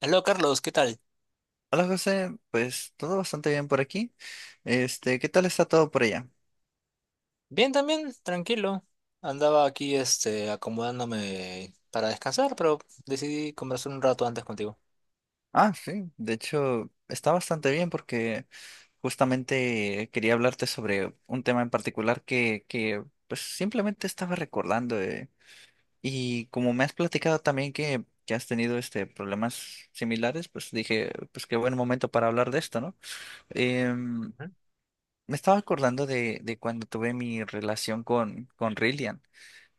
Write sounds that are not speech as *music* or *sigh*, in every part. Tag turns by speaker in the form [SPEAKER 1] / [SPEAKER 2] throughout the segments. [SPEAKER 1] Aló Carlos, ¿qué tal?
[SPEAKER 2] Hola José, pues todo bastante bien por aquí. Este, ¿qué tal está todo por allá?
[SPEAKER 1] Bien también, tranquilo. Andaba aquí acomodándome para descansar, pero decidí conversar un rato antes contigo.
[SPEAKER 2] Ah, sí, de hecho está bastante bien porque justamente quería hablarte sobre un tema en particular que pues simplemente estaba recordando. Y como me has platicado también que has tenido este problemas similares, pues dije, pues qué buen momento para hablar de esto, ¿no? Em, Me estaba acordando de cuando tuve mi relación con Rillian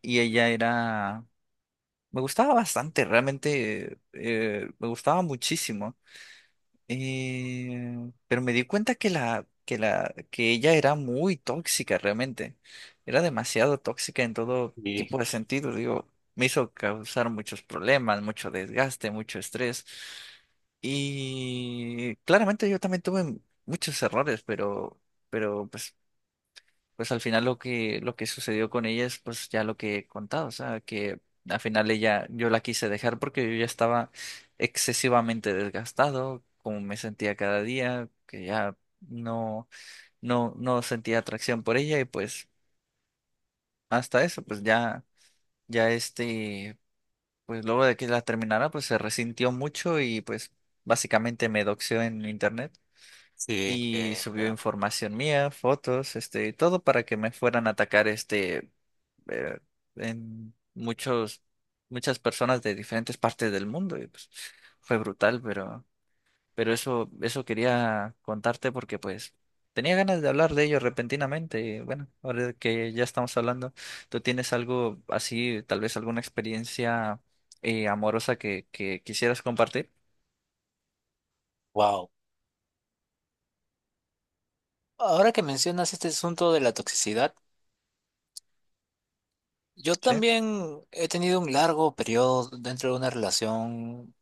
[SPEAKER 2] y ella era. Me gustaba bastante, realmente me gustaba muchísimo. Pero me di cuenta que ella era muy tóxica realmente. Era demasiado tóxica en todo tipo de sentido. Digo, me hizo causar muchos problemas, mucho desgaste, mucho estrés. Y claramente yo también tuve muchos errores, pero pues al final lo que sucedió con ella es pues ya lo que he contado, o sea, que al final ella, yo la quise dejar porque yo ya estaba excesivamente desgastado, como me sentía cada día, que ya no, no, no sentía atracción por ella y pues hasta eso, pues ya, ya este, pues luego de que la terminara, pues se resintió mucho y pues básicamente me doxió en internet.
[SPEAKER 1] Sí,
[SPEAKER 2] Y
[SPEAKER 1] qué
[SPEAKER 2] subió
[SPEAKER 1] feo.
[SPEAKER 2] información mía, fotos, este, todo para que me fueran a atacar, este, eh, en muchas personas de diferentes partes del mundo y pues fue brutal, pero eso, eso quería contarte porque pues tenía ganas de hablar de ello repentinamente y bueno, ahora que ya estamos hablando, ¿tú tienes algo así, tal vez alguna experiencia amorosa que quisieras compartir?
[SPEAKER 1] Wow. Ahora que mencionas este asunto de la toxicidad, yo
[SPEAKER 2] Sí,
[SPEAKER 1] también he tenido un largo periodo dentro de una relación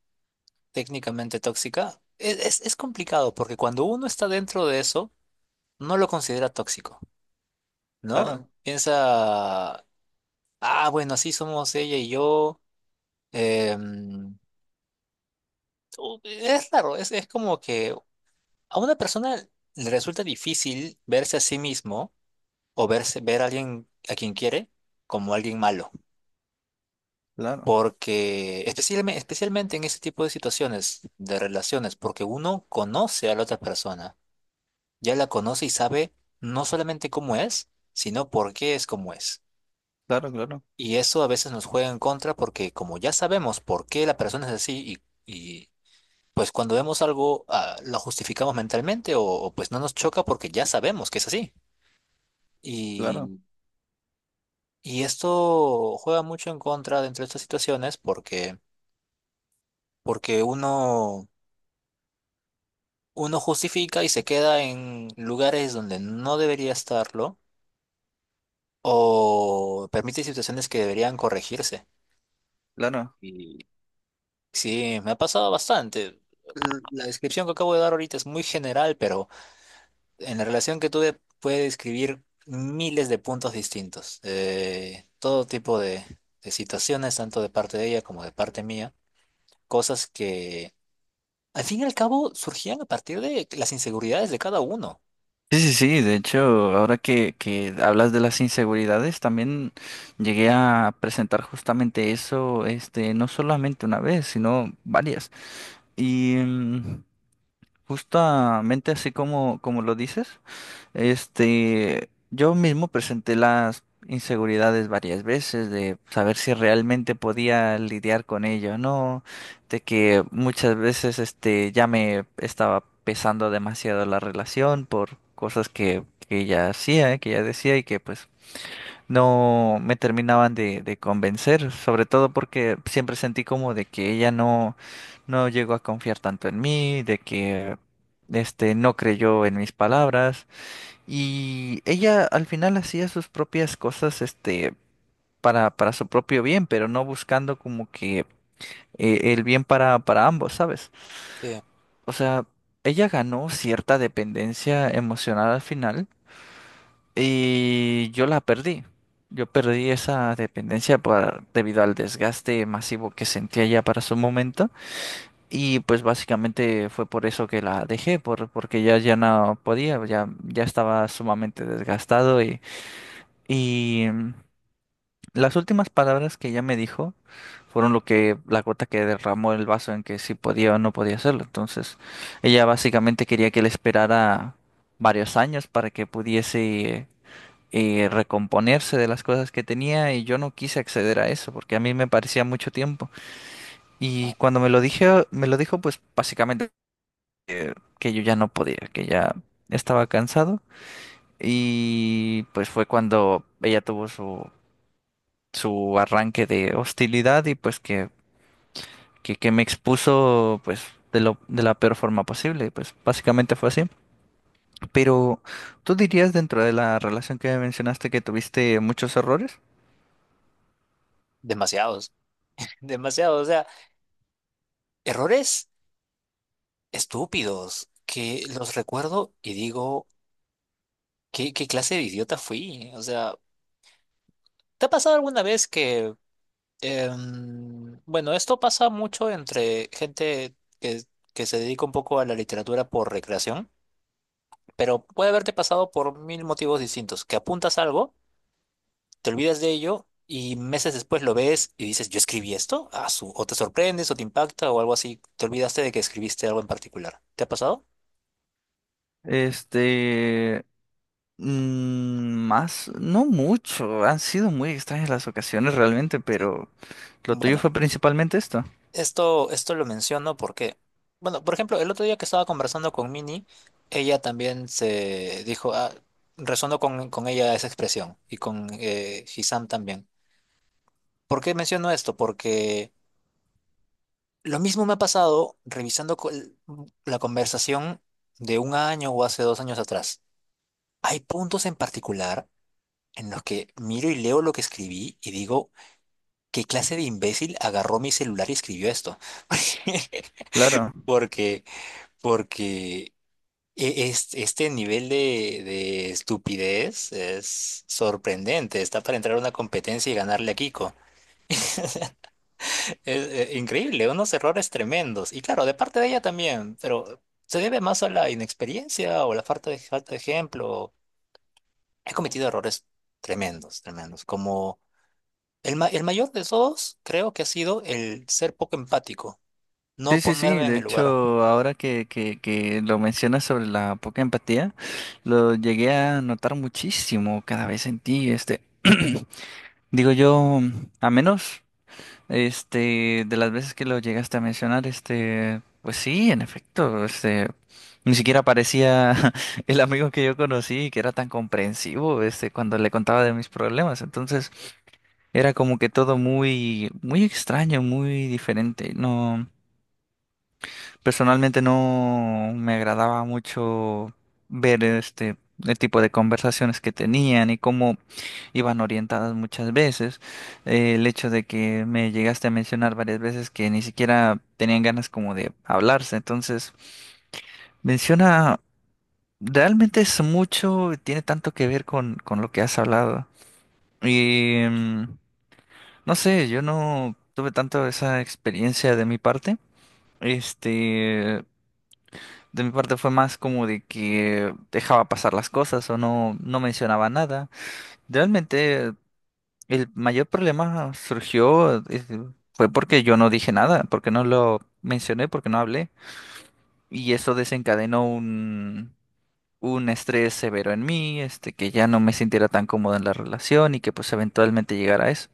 [SPEAKER 1] técnicamente tóxica. Es complicado porque cuando uno está dentro de eso, no lo considera tóxico,
[SPEAKER 2] claro,
[SPEAKER 1] ¿no? Piensa, ah, bueno, así somos ella y yo. em, Es raro, es como que a una persona le resulta difícil verse a sí mismo o ver a alguien a quien quiere como alguien malo,
[SPEAKER 2] claro,
[SPEAKER 1] porque especialmente en ese tipo de situaciones, de relaciones, porque uno conoce a la otra persona, ya la conoce y sabe no solamente cómo es, sino por qué es como es.
[SPEAKER 2] claro, claro,
[SPEAKER 1] Y eso a veces nos juega en contra porque como ya sabemos por qué la persona es así y pues cuando vemos algo, ah, lo justificamos mentalmente o pues no nos choca porque ya sabemos que es así.
[SPEAKER 2] claro,
[SPEAKER 1] Y, y esto juega mucho en contra dentro de estas situaciones porque, porque uno, uno justifica y se queda en lugares donde no debería estarlo o permite situaciones que deberían corregirse.
[SPEAKER 2] claro.
[SPEAKER 1] Y sí, me ha pasado bastante. La descripción que acabo de dar ahorita es muy general, pero en la relación que tuve puede describir miles de puntos distintos, todo tipo de situaciones, tanto de parte de ella como de parte mía, cosas que al fin y al cabo surgían a partir de las inseguridades de cada uno.
[SPEAKER 2] Sí, sí, sí, de hecho, ahora que hablas de las inseguridades, también llegué a presentar justamente eso, este, no solamente una vez, sino varias. Y justamente así como, como lo dices. Este, yo mismo presenté las inseguridades varias veces de saber si realmente podía lidiar con ello, ¿no? De que muchas veces este ya me estaba pesando demasiado la relación por cosas que ella hacía, que ella decía y que pues no me terminaban de convencer, sobre todo porque siempre sentí como de que ella no, no llegó a confiar tanto en mí, de que este no creyó en mis palabras. Y ella al final hacía sus propias cosas, este, para su propio bien, pero no buscando como que el bien para ambos, ¿sabes?
[SPEAKER 1] Eh,
[SPEAKER 2] O sea, ella ganó cierta dependencia emocional al final y yo la perdí. Yo perdí esa dependencia por- debido al desgaste masivo que sentía ya para su momento y pues básicamente fue por eso que la dejé, por, porque ya, ya no podía, ya, ya estaba sumamente desgastado y... Y las últimas palabras que ella me dijo fueron lo que la gota que derramó el vaso en que si podía o no podía hacerlo. Entonces, ella básicamente quería que él esperara varios años para que pudiese recomponerse de las cosas que tenía y yo no quise acceder a eso porque a mí me parecía mucho tiempo. Y cuando me lo dije, me lo dijo pues básicamente que yo ya no podía, que ya estaba cansado y pues fue cuando ella tuvo su arranque de hostilidad y pues que que me expuso pues de la peor forma posible, pues básicamente fue así. Pero ¿tú dirías dentro de la relación que mencionaste que tuviste muchos errores?
[SPEAKER 1] Demasiados, *laughs* demasiados, o sea, errores estúpidos que los recuerdo y digo, ¿qué clase de idiota fui? O sea, ¿te ha pasado alguna vez que bueno, esto pasa mucho entre gente que, que se dedica un poco a la literatura por recreación, pero puede haberte pasado por mil motivos distintos, que apuntas algo, te olvidas de ello y meses después lo ves y dices, yo escribí esto, ah, su, o te sorprendes o te impacta o algo así, te olvidaste de que escribiste algo en particular. ¿Te ha pasado?
[SPEAKER 2] Este, más, no mucho, han sido muy extrañas las ocasiones realmente,
[SPEAKER 1] Sí.
[SPEAKER 2] pero lo tuyo
[SPEAKER 1] Bueno,
[SPEAKER 2] fue principalmente esto,
[SPEAKER 1] Esto lo menciono porque, bueno, por ejemplo, el otro día que estaba conversando con Mini, ella también se dijo, ah, resonó con ella esa expresión y con Hisam también. ¿Por qué menciono esto? Porque lo mismo me ha pasado revisando la conversación de un año o hace dos años atrás. Hay puntos en particular en los que miro y leo lo que escribí y digo, ¿qué clase de imbécil agarró mi celular y escribió esto? *laughs*
[SPEAKER 2] claro.
[SPEAKER 1] Porque, porque este nivel de estupidez es sorprendente. Está para entrar a una competencia y ganarle a Kiko. Es, increíble, unos errores tremendos. Y claro, de parte de ella también, pero se debe más a la inexperiencia o la falta de ejemplo. He cometido errores tremendos, tremendos. Como el, el mayor de todos, creo que ha sido el ser poco empático,
[SPEAKER 2] Sí,
[SPEAKER 1] no
[SPEAKER 2] sí, sí,
[SPEAKER 1] ponerme
[SPEAKER 2] de
[SPEAKER 1] en el lugar.
[SPEAKER 2] hecho, ahora que lo mencionas sobre la poca empatía, lo llegué a notar muchísimo cada vez en ti, este. *clears throat* Digo yo, a menos, este, de las veces que lo llegaste a mencionar, este, pues sí, en efecto, este, ni siquiera parecía *laughs* el amigo que yo conocí, que era tan comprensivo, este, cuando le contaba de mis problemas. Entonces, era como que todo muy, muy extraño, muy diferente. No. Personalmente no me agradaba mucho ver este el tipo de conversaciones que tenían y cómo iban orientadas muchas veces. El hecho de que me llegaste a mencionar varias veces que ni siquiera tenían ganas como de hablarse. Entonces, menciona, realmente es mucho, tiene tanto que ver con lo que has hablado. Y no sé, yo no tuve tanto esa experiencia de mi parte. Este, de mi parte fue más como de que dejaba pasar las cosas o no, no mencionaba nada. Realmente el mayor problema surgió, fue porque yo no dije nada, porque no lo mencioné, porque no hablé. Y eso desencadenó un estrés severo en mí, este, que ya no me sintiera tan cómodo en la relación y que pues eventualmente llegara a eso.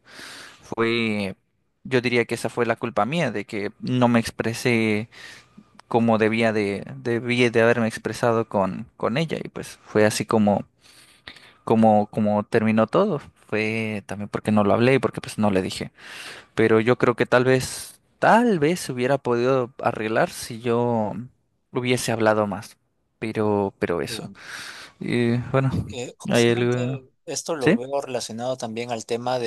[SPEAKER 2] Fue, yo diría que esa fue la culpa mía, de que no me expresé como debí de haberme expresado con ella. Y pues fue así como terminó todo. Fue también porque no lo hablé y porque pues no le dije. Pero yo creo que tal vez se hubiera podido arreglar si yo hubiese hablado más. Pero eso.
[SPEAKER 1] Bien,
[SPEAKER 2] Y bueno,
[SPEAKER 1] que
[SPEAKER 2] hay algo.
[SPEAKER 1] justamente esto lo
[SPEAKER 2] ¿Sí?
[SPEAKER 1] veo relacionado también al tema.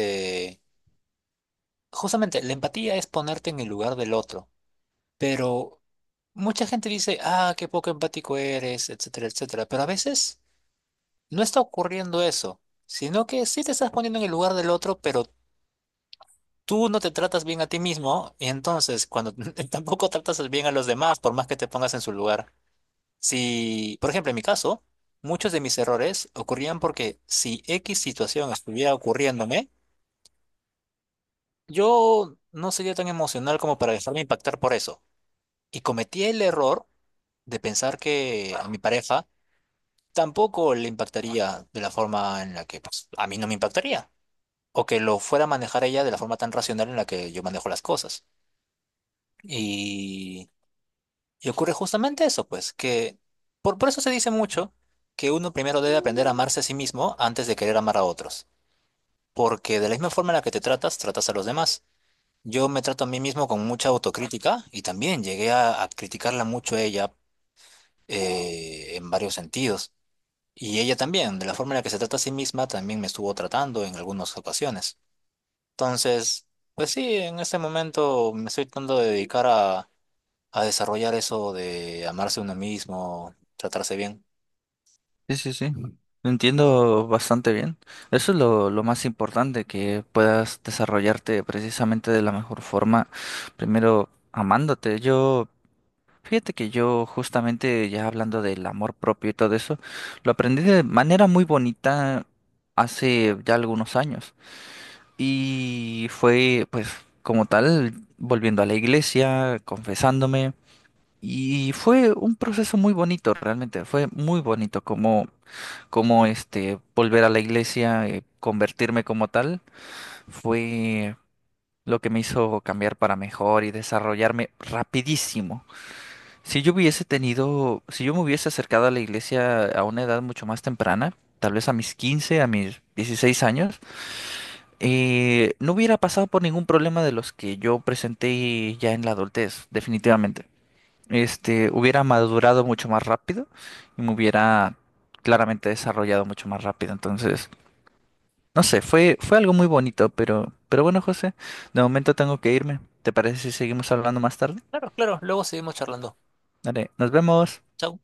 [SPEAKER 1] Justamente, la empatía es ponerte en el lugar del otro, pero mucha gente dice, ah, qué poco empático eres, etcétera, etcétera, pero a veces no está ocurriendo eso, sino que sí te estás poniendo en el lugar del otro, pero tú no te tratas bien a ti mismo, y entonces cuando *laughs* tampoco tratas bien a los demás, por más que te pongas en su lugar. Si, por ejemplo, en mi caso, muchos de mis errores ocurrían porque si X situación estuviera ocurriéndome, yo no sería tan emocional como para dejarme impactar por eso. Y cometí el error de pensar que a mi pareja tampoco le impactaría de la forma en la que pues, a mí no me impactaría. O que lo fuera a manejar ella de la forma tan racional en la que yo manejo las cosas. Y, y ocurre justamente eso, pues, que por eso se dice mucho que uno primero debe aprender a amarse a sí mismo antes de querer amar a otros. Porque de la misma forma en la que te tratas, tratas a los demás. Yo me trato a mí mismo con mucha autocrítica y también llegué a criticarla mucho a ella en varios sentidos. Y ella también, de la forma en la que se trata a sí misma, también me estuvo tratando en algunas ocasiones. Entonces, pues sí, en este momento me estoy tratando de dedicar a desarrollar eso de amarse uno mismo, tratarse bien.
[SPEAKER 2] Sí, sí, sí. Lo entiendo bastante bien. Eso es lo más importante, que puedas desarrollarte precisamente de la mejor forma. Primero, amándote. Yo, fíjate que yo justamente ya hablando del amor propio y todo eso, lo aprendí de manera muy bonita hace ya algunos años. Y fue, pues, como tal, volviendo a la iglesia, confesándome. Y fue un proceso muy bonito, realmente. Fue muy bonito como cómo este volver a la iglesia, convertirme como tal, fue lo que me hizo cambiar para mejor y desarrollarme rapidísimo. Si yo hubiese tenido, si yo me hubiese acercado a la iglesia a una edad mucho más temprana, tal vez a mis 15, a mis 16 años, no hubiera pasado por ningún problema de los que yo presenté ya en la adultez, definitivamente. Este, hubiera madurado mucho más rápido y me hubiera claramente desarrollado mucho más rápido. Entonces, no sé, fue, fue algo muy bonito, pero bueno, José, de momento tengo que irme. ¿Te parece si seguimos hablando más tarde?
[SPEAKER 1] Claro, claro, luego seguimos charlando.
[SPEAKER 2] Dale, nos vemos.
[SPEAKER 1] Chao.